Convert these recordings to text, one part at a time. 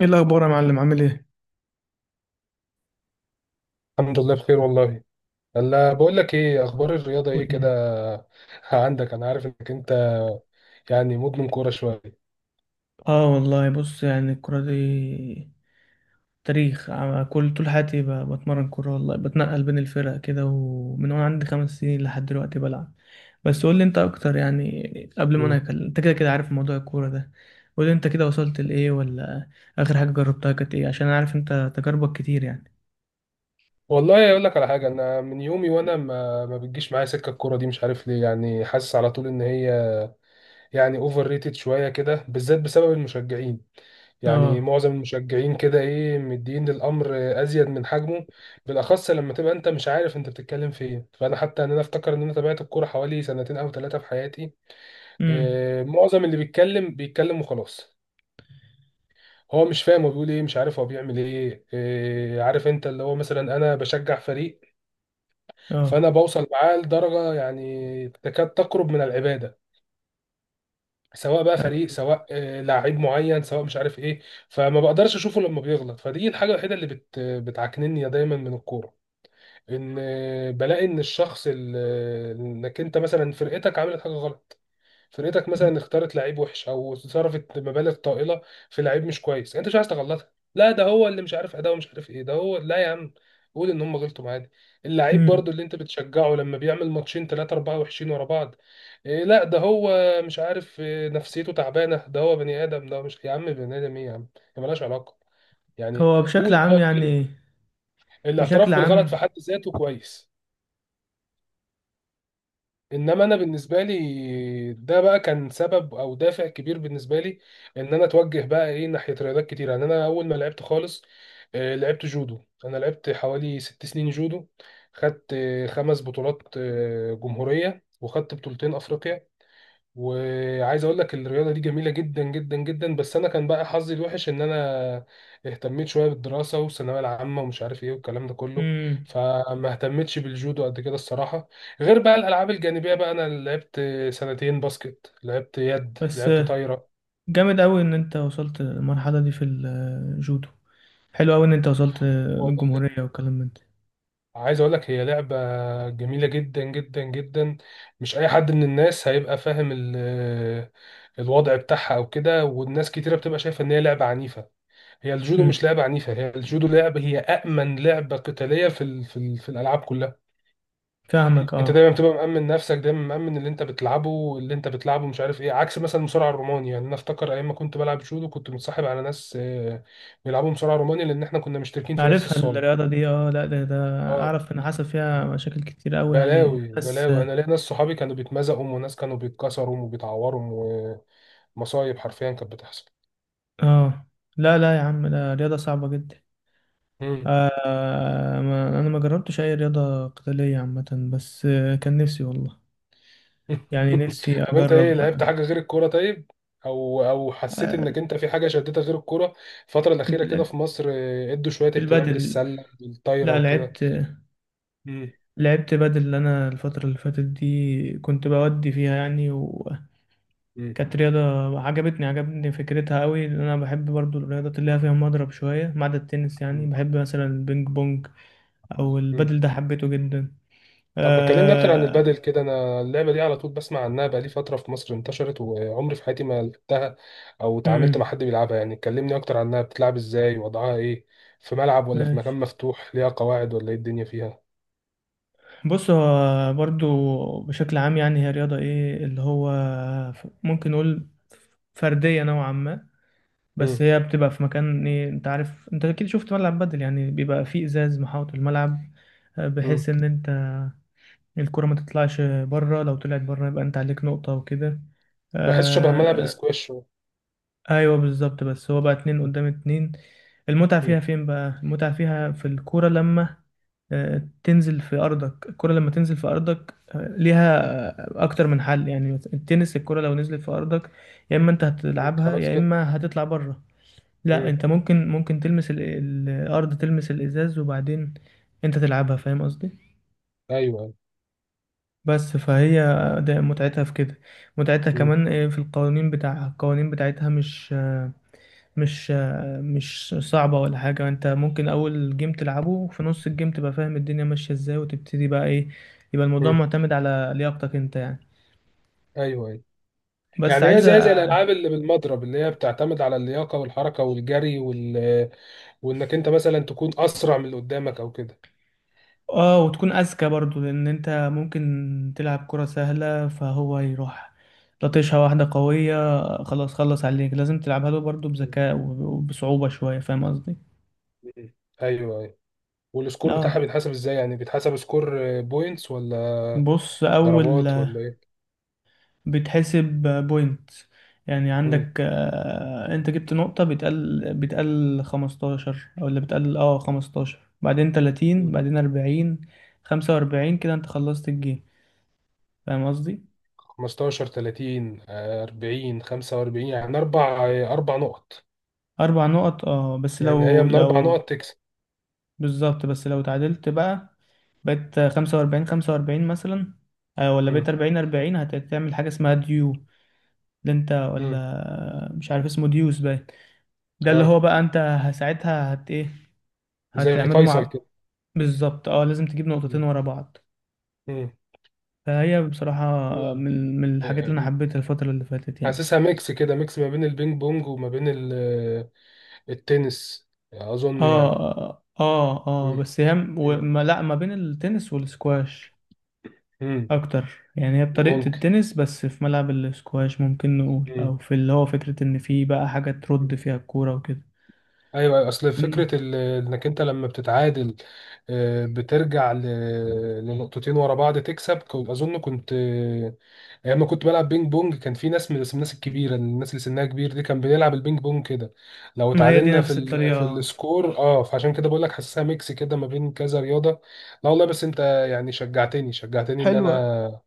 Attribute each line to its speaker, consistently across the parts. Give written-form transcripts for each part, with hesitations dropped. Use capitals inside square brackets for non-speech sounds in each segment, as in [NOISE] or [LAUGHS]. Speaker 1: ايه الاخبار يا معلم؟ عامل ايه؟
Speaker 2: الحمد لله بخير والله. الا بقول لك، ايه اخبار الرياضه، ايه
Speaker 1: قول
Speaker 2: كده؟
Speaker 1: لي.
Speaker 2: [LAUGHS] عندك انا عارف انك انت يعني مدمن كوره شويه.
Speaker 1: اه والله بص، يعني الكره دي تاريخ كل طول حياتي بتمرن كوره والله، بتنقل بين الفرق كده، ومن وانا عندي خمس سنين لحد دلوقتي بلعب. بس قول لي انت اكتر يعني، قبل ما انا
Speaker 2: مم.
Speaker 1: انت كده كده عارف موضوع الكوره ده. قول لي انت كده وصلت لايه، ولا اخر حاجه جربتها كانت ايه؟ عشان انا عارف انت تجاربك كتير يعني.
Speaker 2: والله اقول لك على حاجه، انا من يومي وانا
Speaker 1: مم.
Speaker 2: ما بتجيش معايا سكه الكوره دي، مش عارف ليه، يعني حاسس على طول ان هي يعني اوفر ريتد شويه كده، بالذات بسبب المشجعين. يعني
Speaker 1: اه.
Speaker 2: معظم المشجعين كده ايه، مدين للامر ازيد من حجمه، بالاخص لما تبقى انت مش عارف انت بتتكلم في ايه. فانا حتى ان انا افتكر ان انا تابعت الكوره حوالي سنتين او ثلاثه في حياتي.
Speaker 1: امم.
Speaker 2: معظم اللي بيتكلم بيتكلم وخلاص، هو مش فاهم هو بيقول ايه، مش عارف هو بيعمل ايه. عارف انت، اللي هو مثلا انا بشجع فريق،
Speaker 1: اه.
Speaker 2: فانا بوصل معاه لدرجة يعني تكاد تقرب من العبادة. سواء بقى فريق،
Speaker 1: أيوة.
Speaker 2: سواء لعيب معين، سواء مش عارف ايه، فما بقدرش اشوفه لما بيغلط. فدي الحاجة الوحيدة اللي بتعكنني دايما من الكورة، ان بلاقي ان الشخص انك انت مثلا فرقتك عملت حاجة غلط، فرقتك مثلا اختارت لعيب وحش او صرفت مبالغ طائله في لعيب مش كويس، يعني انت مش عايز تغلطها. لا ده هو اللي مش عارف اداؤه، مش عارف ايه، ده هو، لا يا عم، قول ان هم غلطوا معانا. اللعيب
Speaker 1: مم.
Speaker 2: برضو اللي انت بتشجعه، لما بيعمل ماتشين ثلاثة أربعة وحشين ورا بعض، إيه لا ده هو، مش عارف إيه، نفسيته تعبانة، ده هو بني آدم، ده هو مش يا عم، بني آدم إيه يا عم؟ هي ملهاش علاقة، يعني
Speaker 1: هو بشكل
Speaker 2: قول
Speaker 1: عام
Speaker 2: قول.
Speaker 1: يعني، بشكل
Speaker 2: الاعتراف بالغلط
Speaker 1: عام.
Speaker 2: في حد ذاته كويس، انما انا بالنسبه لي ده بقى كان سبب او دافع كبير بالنسبه لي، ان انا اتوجه بقى ايه ناحيه رياضات كتير. يعني انا اول ما لعبت خالص، لعبت جودو. انا لعبت حوالي 6 سنين جودو، خدت 5 بطولات جمهوريه، وخدت بطولتين افريقيا. وعايز اقول لك الرياضه دي جميله جدا جدا جدا، بس انا كان بقى حظي الوحش ان انا اهتميت شويه بالدراسه والثانويه العامه ومش عارف ايه والكلام ده كله،
Speaker 1: امم.
Speaker 2: فما اهتمتش بالجودو قد كده الصراحه. غير بقى الالعاب الجانبيه، بقى انا لعبت سنتين باسكت، لعبت يد،
Speaker 1: بس
Speaker 2: لعبت طايره.
Speaker 1: جامد قوي ان انت وصلت المرحله دي في الجودو، حلو قوي ان انت وصلت
Speaker 2: والله
Speaker 1: للجمهوريه والكلام من ده.
Speaker 2: عايز اقول لك، هي لعبه جميله جدا جدا جدا، مش اي حد من الناس هيبقى فاهم الوضع بتاعها او كده، والناس كتيره بتبقى شايفه ان هي لعبه عنيفه. هي الجودو
Speaker 1: امم.
Speaker 2: مش لعبة عنيفة، هي الجودو لعبة، هي أأمن لعبة قتالية في الألعاب كلها.
Speaker 1: فاهمك،
Speaker 2: أنت
Speaker 1: اه.
Speaker 2: دايما بتبقى مأمن نفسك، دايما مأمن اللي أنت بتلعبه، مش عارف إيه، عكس مثلا المصارعة الروماني، يعني أنا أفتكر أيام ما كنت بلعب جودو كنت متصاحب على ناس بيلعبوا مصارعة روماني، لأن إحنا كنا مشتركين في نفس
Speaker 1: عارفها
Speaker 2: الصالة.
Speaker 1: الرياضه دي، اه. لا ده ده
Speaker 2: أه،
Speaker 1: اعرف ان حصل فيها مشاكل كتير قوي يعني،
Speaker 2: بلاوي
Speaker 1: بس
Speaker 2: بلاوي، أنا ليا ناس صحابي كانوا بيتمزقوا، وناس كانوا بيتكسروا وبيتعوروا، ومصايب حرفيا كانت بتحصل.
Speaker 1: اه. لا لا يا عم، ده رياضه صعبه جدا. آه. ما انا ما جربتش اي رياضه قتاليه عامه، بس كان نفسي والله، يعني نفسي
Speaker 2: طب انت ايه،
Speaker 1: اجرب.
Speaker 2: لعبت حاجه غير الكوره طيب، او حسيت
Speaker 1: آه،
Speaker 2: انك انت في حاجه شدتك غير الكوره؟ الفتره الاخيره كده
Speaker 1: ال-
Speaker 2: في مصر ادوا شويه اهتمام
Speaker 1: البادل.
Speaker 2: للسله والطايره
Speaker 1: لا
Speaker 2: وكده.
Speaker 1: لعبت.
Speaker 2: مم.
Speaker 1: لعبت بدل، اللي انا الفترة اللي فاتت دي كنت بودي فيها يعني، وكانت
Speaker 2: مم.
Speaker 1: رياضة عجبتني. عجبتني فكرتها قوي، لان انا بحب برضو الرياضات اللي هي فيها مضرب شوية، ما عدا التنس. يعني
Speaker 2: مم.
Speaker 1: بحب مثلا البينج بونج او
Speaker 2: مم.
Speaker 1: البدل ده، حبيته جدا.
Speaker 2: طب ما اتكلمنا اكتر عن
Speaker 1: آه...
Speaker 2: البادل كده. انا اللعبه دي على طول بسمع عنها بقالي فتره في مصر انتشرت، وعمري في حياتي ما لعبتها او اتعاملت مع
Speaker 1: امم.
Speaker 2: حد بيلعبها، يعني كلمني اكتر عنها، بتلعب ازاي، وضعها ايه، في ملعب ولا في مكان
Speaker 1: ماشي.
Speaker 2: مفتوح، ليها قواعد ولا ايه الدنيا فيها؟
Speaker 1: بص، هو برضو بشكل عام يعني، هي رياضة ايه اللي هو ممكن نقول فردية نوعا ما،
Speaker 2: مم.
Speaker 1: بس هي بتبقى في مكان ايه؟ انت عارف، انت اكيد شفت ملعب بدل. يعني بيبقى فيه ازاز محاوط الملعب،
Speaker 2: مم.
Speaker 1: بحيث ان انت الكرة ما تطلعش بره. لو طلعت بره يبقى انت عليك نقطة وكده.
Speaker 2: بحس شبه ملعب
Speaker 1: آه.
Speaker 2: الاسكواش
Speaker 1: ايوه بالظبط. بس هو بقى اتنين
Speaker 2: شويه.
Speaker 1: قدام اتنين. المتعة فيها فين بقى؟ المتعة فيها في الكرة، لما تنزل في ارضك. الكرة لما تنزل في ارضك ليها اكتر من حل، يعني التنس الكرة لو نزلت في ارضك يا اما انت
Speaker 2: مم.
Speaker 1: هتلعبها
Speaker 2: خلاص
Speaker 1: يا
Speaker 2: كده.
Speaker 1: اما هتطلع بره. لا،
Speaker 2: مم.
Speaker 1: انت ممكن تلمس الارض، تلمس الازاز، وبعدين انت تلعبها، فاهم قصدي؟
Speaker 2: ايوه ايوه.
Speaker 1: بس فهي ده متعتها في كده. متعتها
Speaker 2: مم.
Speaker 1: كمان في القوانين بتاعها. القوانين بتاعتها مش مش صعبة ولا حاجة، انت ممكن اول جيم تلعبه، وفي نص الجيم تبقى فاهم الدنيا ماشية ازاي، وتبتدي بقى ايه. يبقى الموضوع
Speaker 2: مم.
Speaker 1: معتمد على لياقتك انت يعني.
Speaker 2: ايوه ايوه.
Speaker 1: بس
Speaker 2: يعني هي
Speaker 1: عايزة.
Speaker 2: زي الالعاب اللي بالمضرب، اللي هي بتعتمد على اللياقه والحركه والجري وانك انت مثلا تكون اسرع من اللي قدامك او كده.
Speaker 1: اه، وتكون اذكى برضو، لان انت ممكن تلعب كرة سهلة فهو يروح لطشها واحدة قوية، خلاص خلص عليك. لازم تلعبها له برضو
Speaker 2: مم.
Speaker 1: بذكاء وبصعوبة شوية، فاهم قصدي؟
Speaker 2: مم. ايوه ايوه. والسكور بتاعها
Speaker 1: اه.
Speaker 2: بيتحسب ازاي؟ يعني بيتحسب سكور بوينتس ولا
Speaker 1: بص، اول
Speaker 2: ضربات ولا ايه؟
Speaker 1: بتحسب بوينت، يعني
Speaker 2: مم.
Speaker 1: عندك انت جبت نقطة بتقل، 15، او اللي بتقل اه 15، بعدين 30،
Speaker 2: مم.
Speaker 1: بعدين 40، 45، كده انت خلصت الجيم، فاهم قصدي؟
Speaker 2: 15، 30، 40، 45، يعني اربع نقط،
Speaker 1: اربع نقط، اه. بس
Speaker 2: يعني هي
Speaker 1: لو
Speaker 2: من اربع
Speaker 1: لو
Speaker 2: نقط تكسب.
Speaker 1: بالظبط. بس لو تعادلت بقى، بقيت خمسة وأربعين خمسة وأربعين مثلا، ولا
Speaker 2: مم.
Speaker 1: بقيت أربعين أربعين، هتعمل حاجة اسمها ديو. ده أنت
Speaker 2: مم.
Speaker 1: ولا مش عارف اسمه ديوز باين. ده اللي
Speaker 2: اه،
Speaker 1: هو بقى أنت ساعتها هت إيه،
Speaker 2: زي
Speaker 1: هتعمله
Speaker 2: فيصل
Speaker 1: مع.
Speaker 2: كده.
Speaker 1: بالظبط، أه. لازم تجيب نقطتين
Speaker 2: مم.
Speaker 1: ورا بعض.
Speaker 2: مم.
Speaker 1: فهي بصراحة
Speaker 2: مم.
Speaker 1: من الحاجات اللي أنا
Speaker 2: يعني
Speaker 1: حبيتها الفترة اللي فاتت يعني.
Speaker 2: حاسسها ميكس كده، ميكس ما بين البينج بونج وما بين التنس، اظن يعني.
Speaker 1: اه اه اه،
Speaker 2: مم.
Speaker 1: بس هي م-
Speaker 2: مم.
Speaker 1: وما لا ما بين التنس والسكواش
Speaker 2: مم.
Speaker 1: اكتر، يعني هي بطريقة
Speaker 2: ممكن.
Speaker 1: التنس، بس في ملعب الاسكواش ممكن نقول،
Speaker 2: مم.
Speaker 1: او في اللي هو فكرة ان في بقى حاجة ترد
Speaker 2: مم.
Speaker 1: فيها الكورة وكده.
Speaker 2: ايوه، اصل
Speaker 1: أمم.
Speaker 2: فكره انك انت لما بتتعادل، بترجع لنقطتين ورا بعض تكسب، اظن كنت ايام ما كنت بلعب بينج بونج كان في ناس بس من الناس الكبيره، الناس اللي سنها كبير دي كان بنلعب البينج بونج كده لو
Speaker 1: ما هي دي
Speaker 2: اتعادلنا في
Speaker 1: نفس
Speaker 2: ال... في
Speaker 1: الطريقة.
Speaker 2: السكور، فعشان كده بقول لك حاسسها ميكس كده ما بين كذا رياضه. لا والله، بس انت يعني شجعتني شجعتني ان
Speaker 1: حلوة.
Speaker 2: انا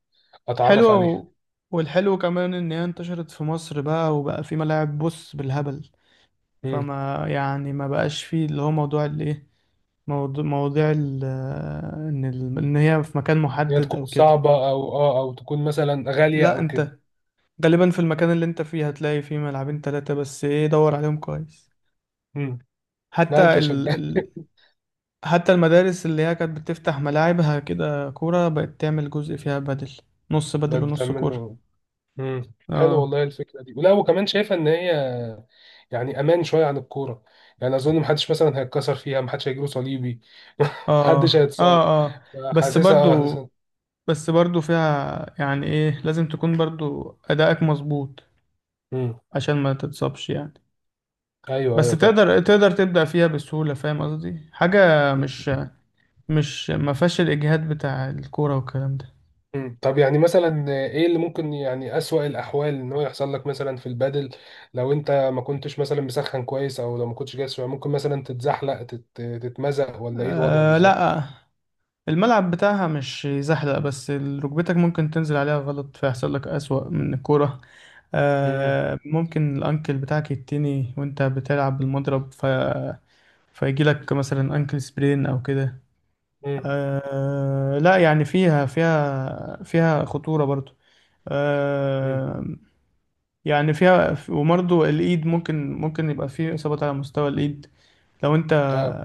Speaker 2: اتعرف
Speaker 1: حلوة
Speaker 2: عليها.
Speaker 1: و... والحلو كمان ان هي انتشرت في مصر بقى، وبقى في ملاعب بص بالهبل،
Speaker 2: امم.
Speaker 1: فما يعني ما بقاش فيه اللي هو موضوع الايه، موضوع مواضيع ال... آه، ان ان هي في مكان
Speaker 2: هي
Speaker 1: محدد
Speaker 2: تكون
Speaker 1: او كده.
Speaker 2: صعبه او تكون مثلا غاليه
Speaker 1: لا،
Speaker 2: او كده.
Speaker 1: انت غالبا في المكان اللي انت فيه هتلاقي فيه ملعبين ثلاثة، بس ايه دور عليهم كويس.
Speaker 2: امم.
Speaker 1: حتى
Speaker 2: لا انت شجعت،
Speaker 1: حتى المدارس اللي هي كانت بتفتح ملاعبها كده كورة، بقت تعمل جزء فيها بدل، نص بدل
Speaker 2: بقت
Speaker 1: ونص كورة.
Speaker 2: بتعمله. امم، حلو
Speaker 1: اه
Speaker 2: والله الفكره دي، ولا وكمان شايفه ان هي يعني امان شويه عن الكوره. يعني اظن محدش مثلا هيتكسر فيها، محدش هيجيله صليبي، [LAUGHS] محدش
Speaker 1: اه
Speaker 2: هيتصاب.
Speaker 1: اه اه. بس
Speaker 2: حاسسها اه
Speaker 1: برضو،
Speaker 2: حاسسها
Speaker 1: فيها يعني ايه، لازم تكون برضو أدائك مظبوط
Speaker 2: امم.
Speaker 1: عشان ما تتصابش يعني.
Speaker 2: ايوه
Speaker 1: بس
Speaker 2: ايوه فاهم.
Speaker 1: تقدر، تبدأ فيها بسهولة، فاهم قصدي؟ حاجة
Speaker 2: مم.
Speaker 1: مش ما فيهاش الإجهاد بتاع الكورة والكلام ده.
Speaker 2: مم. طب يعني مثلا ايه اللي ممكن، يعني اسوأ الاحوال ان هو يحصل لك مثلا في البادل، لو انت ما كنتش مثلا مسخن كويس او لو ما كنتش جاهز شوية، ممكن مثلا تتزحلق، تتمزق ولا ايه الوضع
Speaker 1: آه
Speaker 2: بالظبط؟
Speaker 1: لا، الملعب بتاعها مش زحلق، بس ركبتك ممكن تنزل عليها غلط فيحصل لك أسوأ من الكورة.
Speaker 2: امم.
Speaker 1: آه، ممكن الأنكل بتاعك يتني وأنت بتلعب بالمضرب ف... فيجي لك مثلا أنكل سبرين أو كده.
Speaker 2: امم.
Speaker 1: آه لا، يعني فيها فيها فيها خطورة برضو.
Speaker 2: امم.
Speaker 1: آه، يعني فيها، وبرضو الإيد ممكن يبقى فيه إصابات على مستوى الإيد. لو أنت
Speaker 2: اه،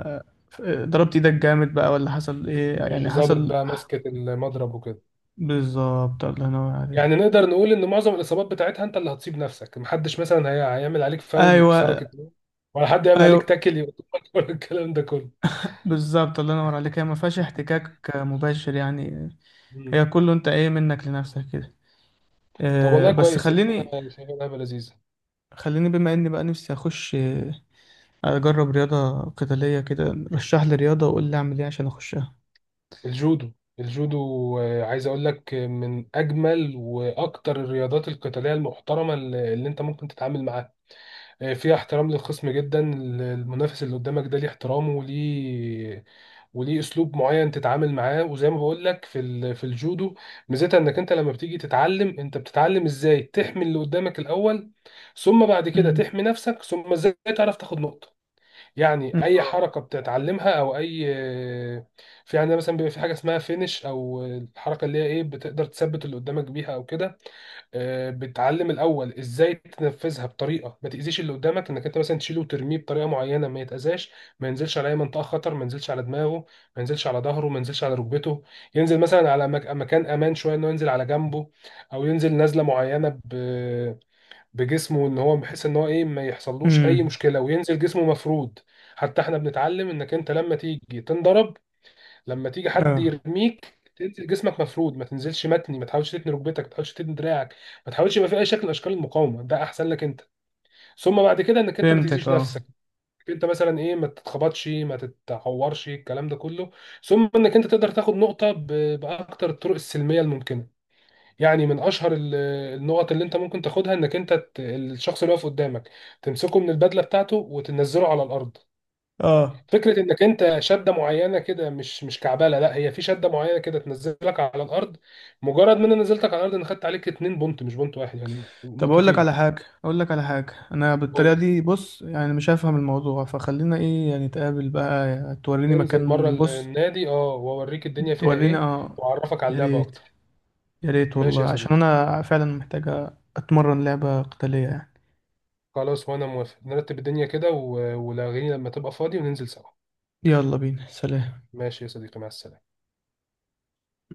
Speaker 1: ضربت ايدك جامد بقى، ولا حصل ايه
Speaker 2: مش
Speaker 1: يعني
Speaker 2: ظابط
Speaker 1: حصل.
Speaker 2: بقى ماسكة المضرب وكده.
Speaker 1: بالظبط، الله ينور عليك.
Speaker 2: يعني نقدر نقول ان معظم الاصابات بتاعتها انت اللي هتصيب نفسك، محدش مثلا هيعمل عليك فاول
Speaker 1: ايوه
Speaker 2: يكسرك اتنين، ولا حد يعمل
Speaker 1: ايوه.
Speaker 2: عليك تاكل يقطعك [LAUGHS] ولا الكلام ده كله.
Speaker 1: بالظبط، الله ينور عليك. هي ما فيهاش احتكاك مباشر يعني،
Speaker 2: مم.
Speaker 1: هي كله انت ايه منك لنفسك كده.
Speaker 2: طب والله
Speaker 1: بس
Speaker 2: كويس يعني،
Speaker 1: خليني،
Speaker 2: انا شايفها لعبه لذيذه.
Speaker 1: خليني بما اني بقى نفسي اخش اجرب رياضة قتالية كده. رشح لي رياضة وقول لي اعمل ايه عشان اخشها.
Speaker 2: الجودو، الجودو. عايز اقول لك، من اجمل واكتر الرياضات القتاليه المحترمه اللي انت ممكن تتعامل معاها. فيها احترام للخصم جدا. المنافس اللي قدامك ده ليه احترامه، وليه اسلوب معين تتعامل معاه. وزي ما بقول لك في الجودو، ميزتها انك انت لما بتيجي تتعلم، انت بتتعلم ازاي تحمي اللي قدامك الاول، ثم بعد كده
Speaker 1: امم.
Speaker 2: تحمي نفسك، ثم ازاي تعرف تاخد نقطة. يعني اي حركة بتتعلمها او اي، في عندنا مثلا بيبقى في حاجة اسمها فينش، او الحركة اللي هي ايه بتقدر تثبت اللي قدامك بيها او كده. بتعلم الاول ازاي تنفذها بطريقه ما تاذيش اللي قدامك، انك انت مثلا تشيله وترميه بطريقه معينه ما يتاذاش، ما ينزلش على اي منطقه خطر، ما ينزلش على دماغه، ما ينزلش على ظهره، ما ينزلش على ركبته، ينزل مثلا على مكان امان شويه، انه ينزل على جنبه، او ينزل نزله معينه بجسمه، ان هو بحيث ان هو ايه ما يحصلوش اي
Speaker 1: امم.
Speaker 2: مشكله، وينزل جسمه مفرود. حتى احنا بنتعلم انك انت لما تيجي تنضرب، لما تيجي حد
Speaker 1: اه.
Speaker 2: يرميك تنزل جسمك مفرود، ما تنزلش متني، ما تحاولش تتني ركبتك، ما تحاولش تتني دراعك، ما تحاولش يبقى في اي شكل من اشكال المقاومه، ده احسن لك انت، ثم بعد كده انك انت ما
Speaker 1: فهمتك،
Speaker 2: تاذيش
Speaker 1: اه
Speaker 2: نفسك، انت مثلا ايه ما تتخبطش ما تتعورش الكلام ده كله، ثم انك انت تقدر تاخد نقطه باكتر الطرق السلميه الممكنه. يعني من اشهر النقط اللي انت ممكن تاخدها، انك انت الشخص اللي واقف قدامك تمسكه من البدله بتاعته وتنزله على الارض.
Speaker 1: اه.
Speaker 2: فكرة انك انت شدة معينة كده مش كعبالة، لا هي في شدة معينة كده تنزلك على الارض. مجرد ما انا نزلتك على الارض، انا خدت عليك 2 بونت، مش بونت واحد، يعني
Speaker 1: طب اقول لك
Speaker 2: نقطتين.
Speaker 1: على حاجة، انا
Speaker 2: قول
Speaker 1: بالطريقة
Speaker 2: لي.
Speaker 1: دي بص يعني مش هفهم الموضوع، فخلينا ايه يعني نتقابل بقى، توريني
Speaker 2: ننزل مرة
Speaker 1: مكان
Speaker 2: ال-
Speaker 1: بص.
Speaker 2: النادي واوريك الدنيا فيها
Speaker 1: تورينا،
Speaker 2: ايه،
Speaker 1: اه.
Speaker 2: واعرفك على
Speaker 1: يا
Speaker 2: اللعبة
Speaker 1: ريت،
Speaker 2: اكتر.
Speaker 1: يا ريت
Speaker 2: ماشي
Speaker 1: والله،
Speaker 2: يا
Speaker 1: عشان
Speaker 2: صديقي،
Speaker 1: انا فعلا محتاجة اتمرن لعبة قتالية يعني.
Speaker 2: خلاص وانا موافق، نرتب الدنيا كده ولاغيني لما تبقى فاضي وننزل سوا.
Speaker 1: يلا بينا، سلام.
Speaker 2: ماشي يا صديقي، مع السلامة.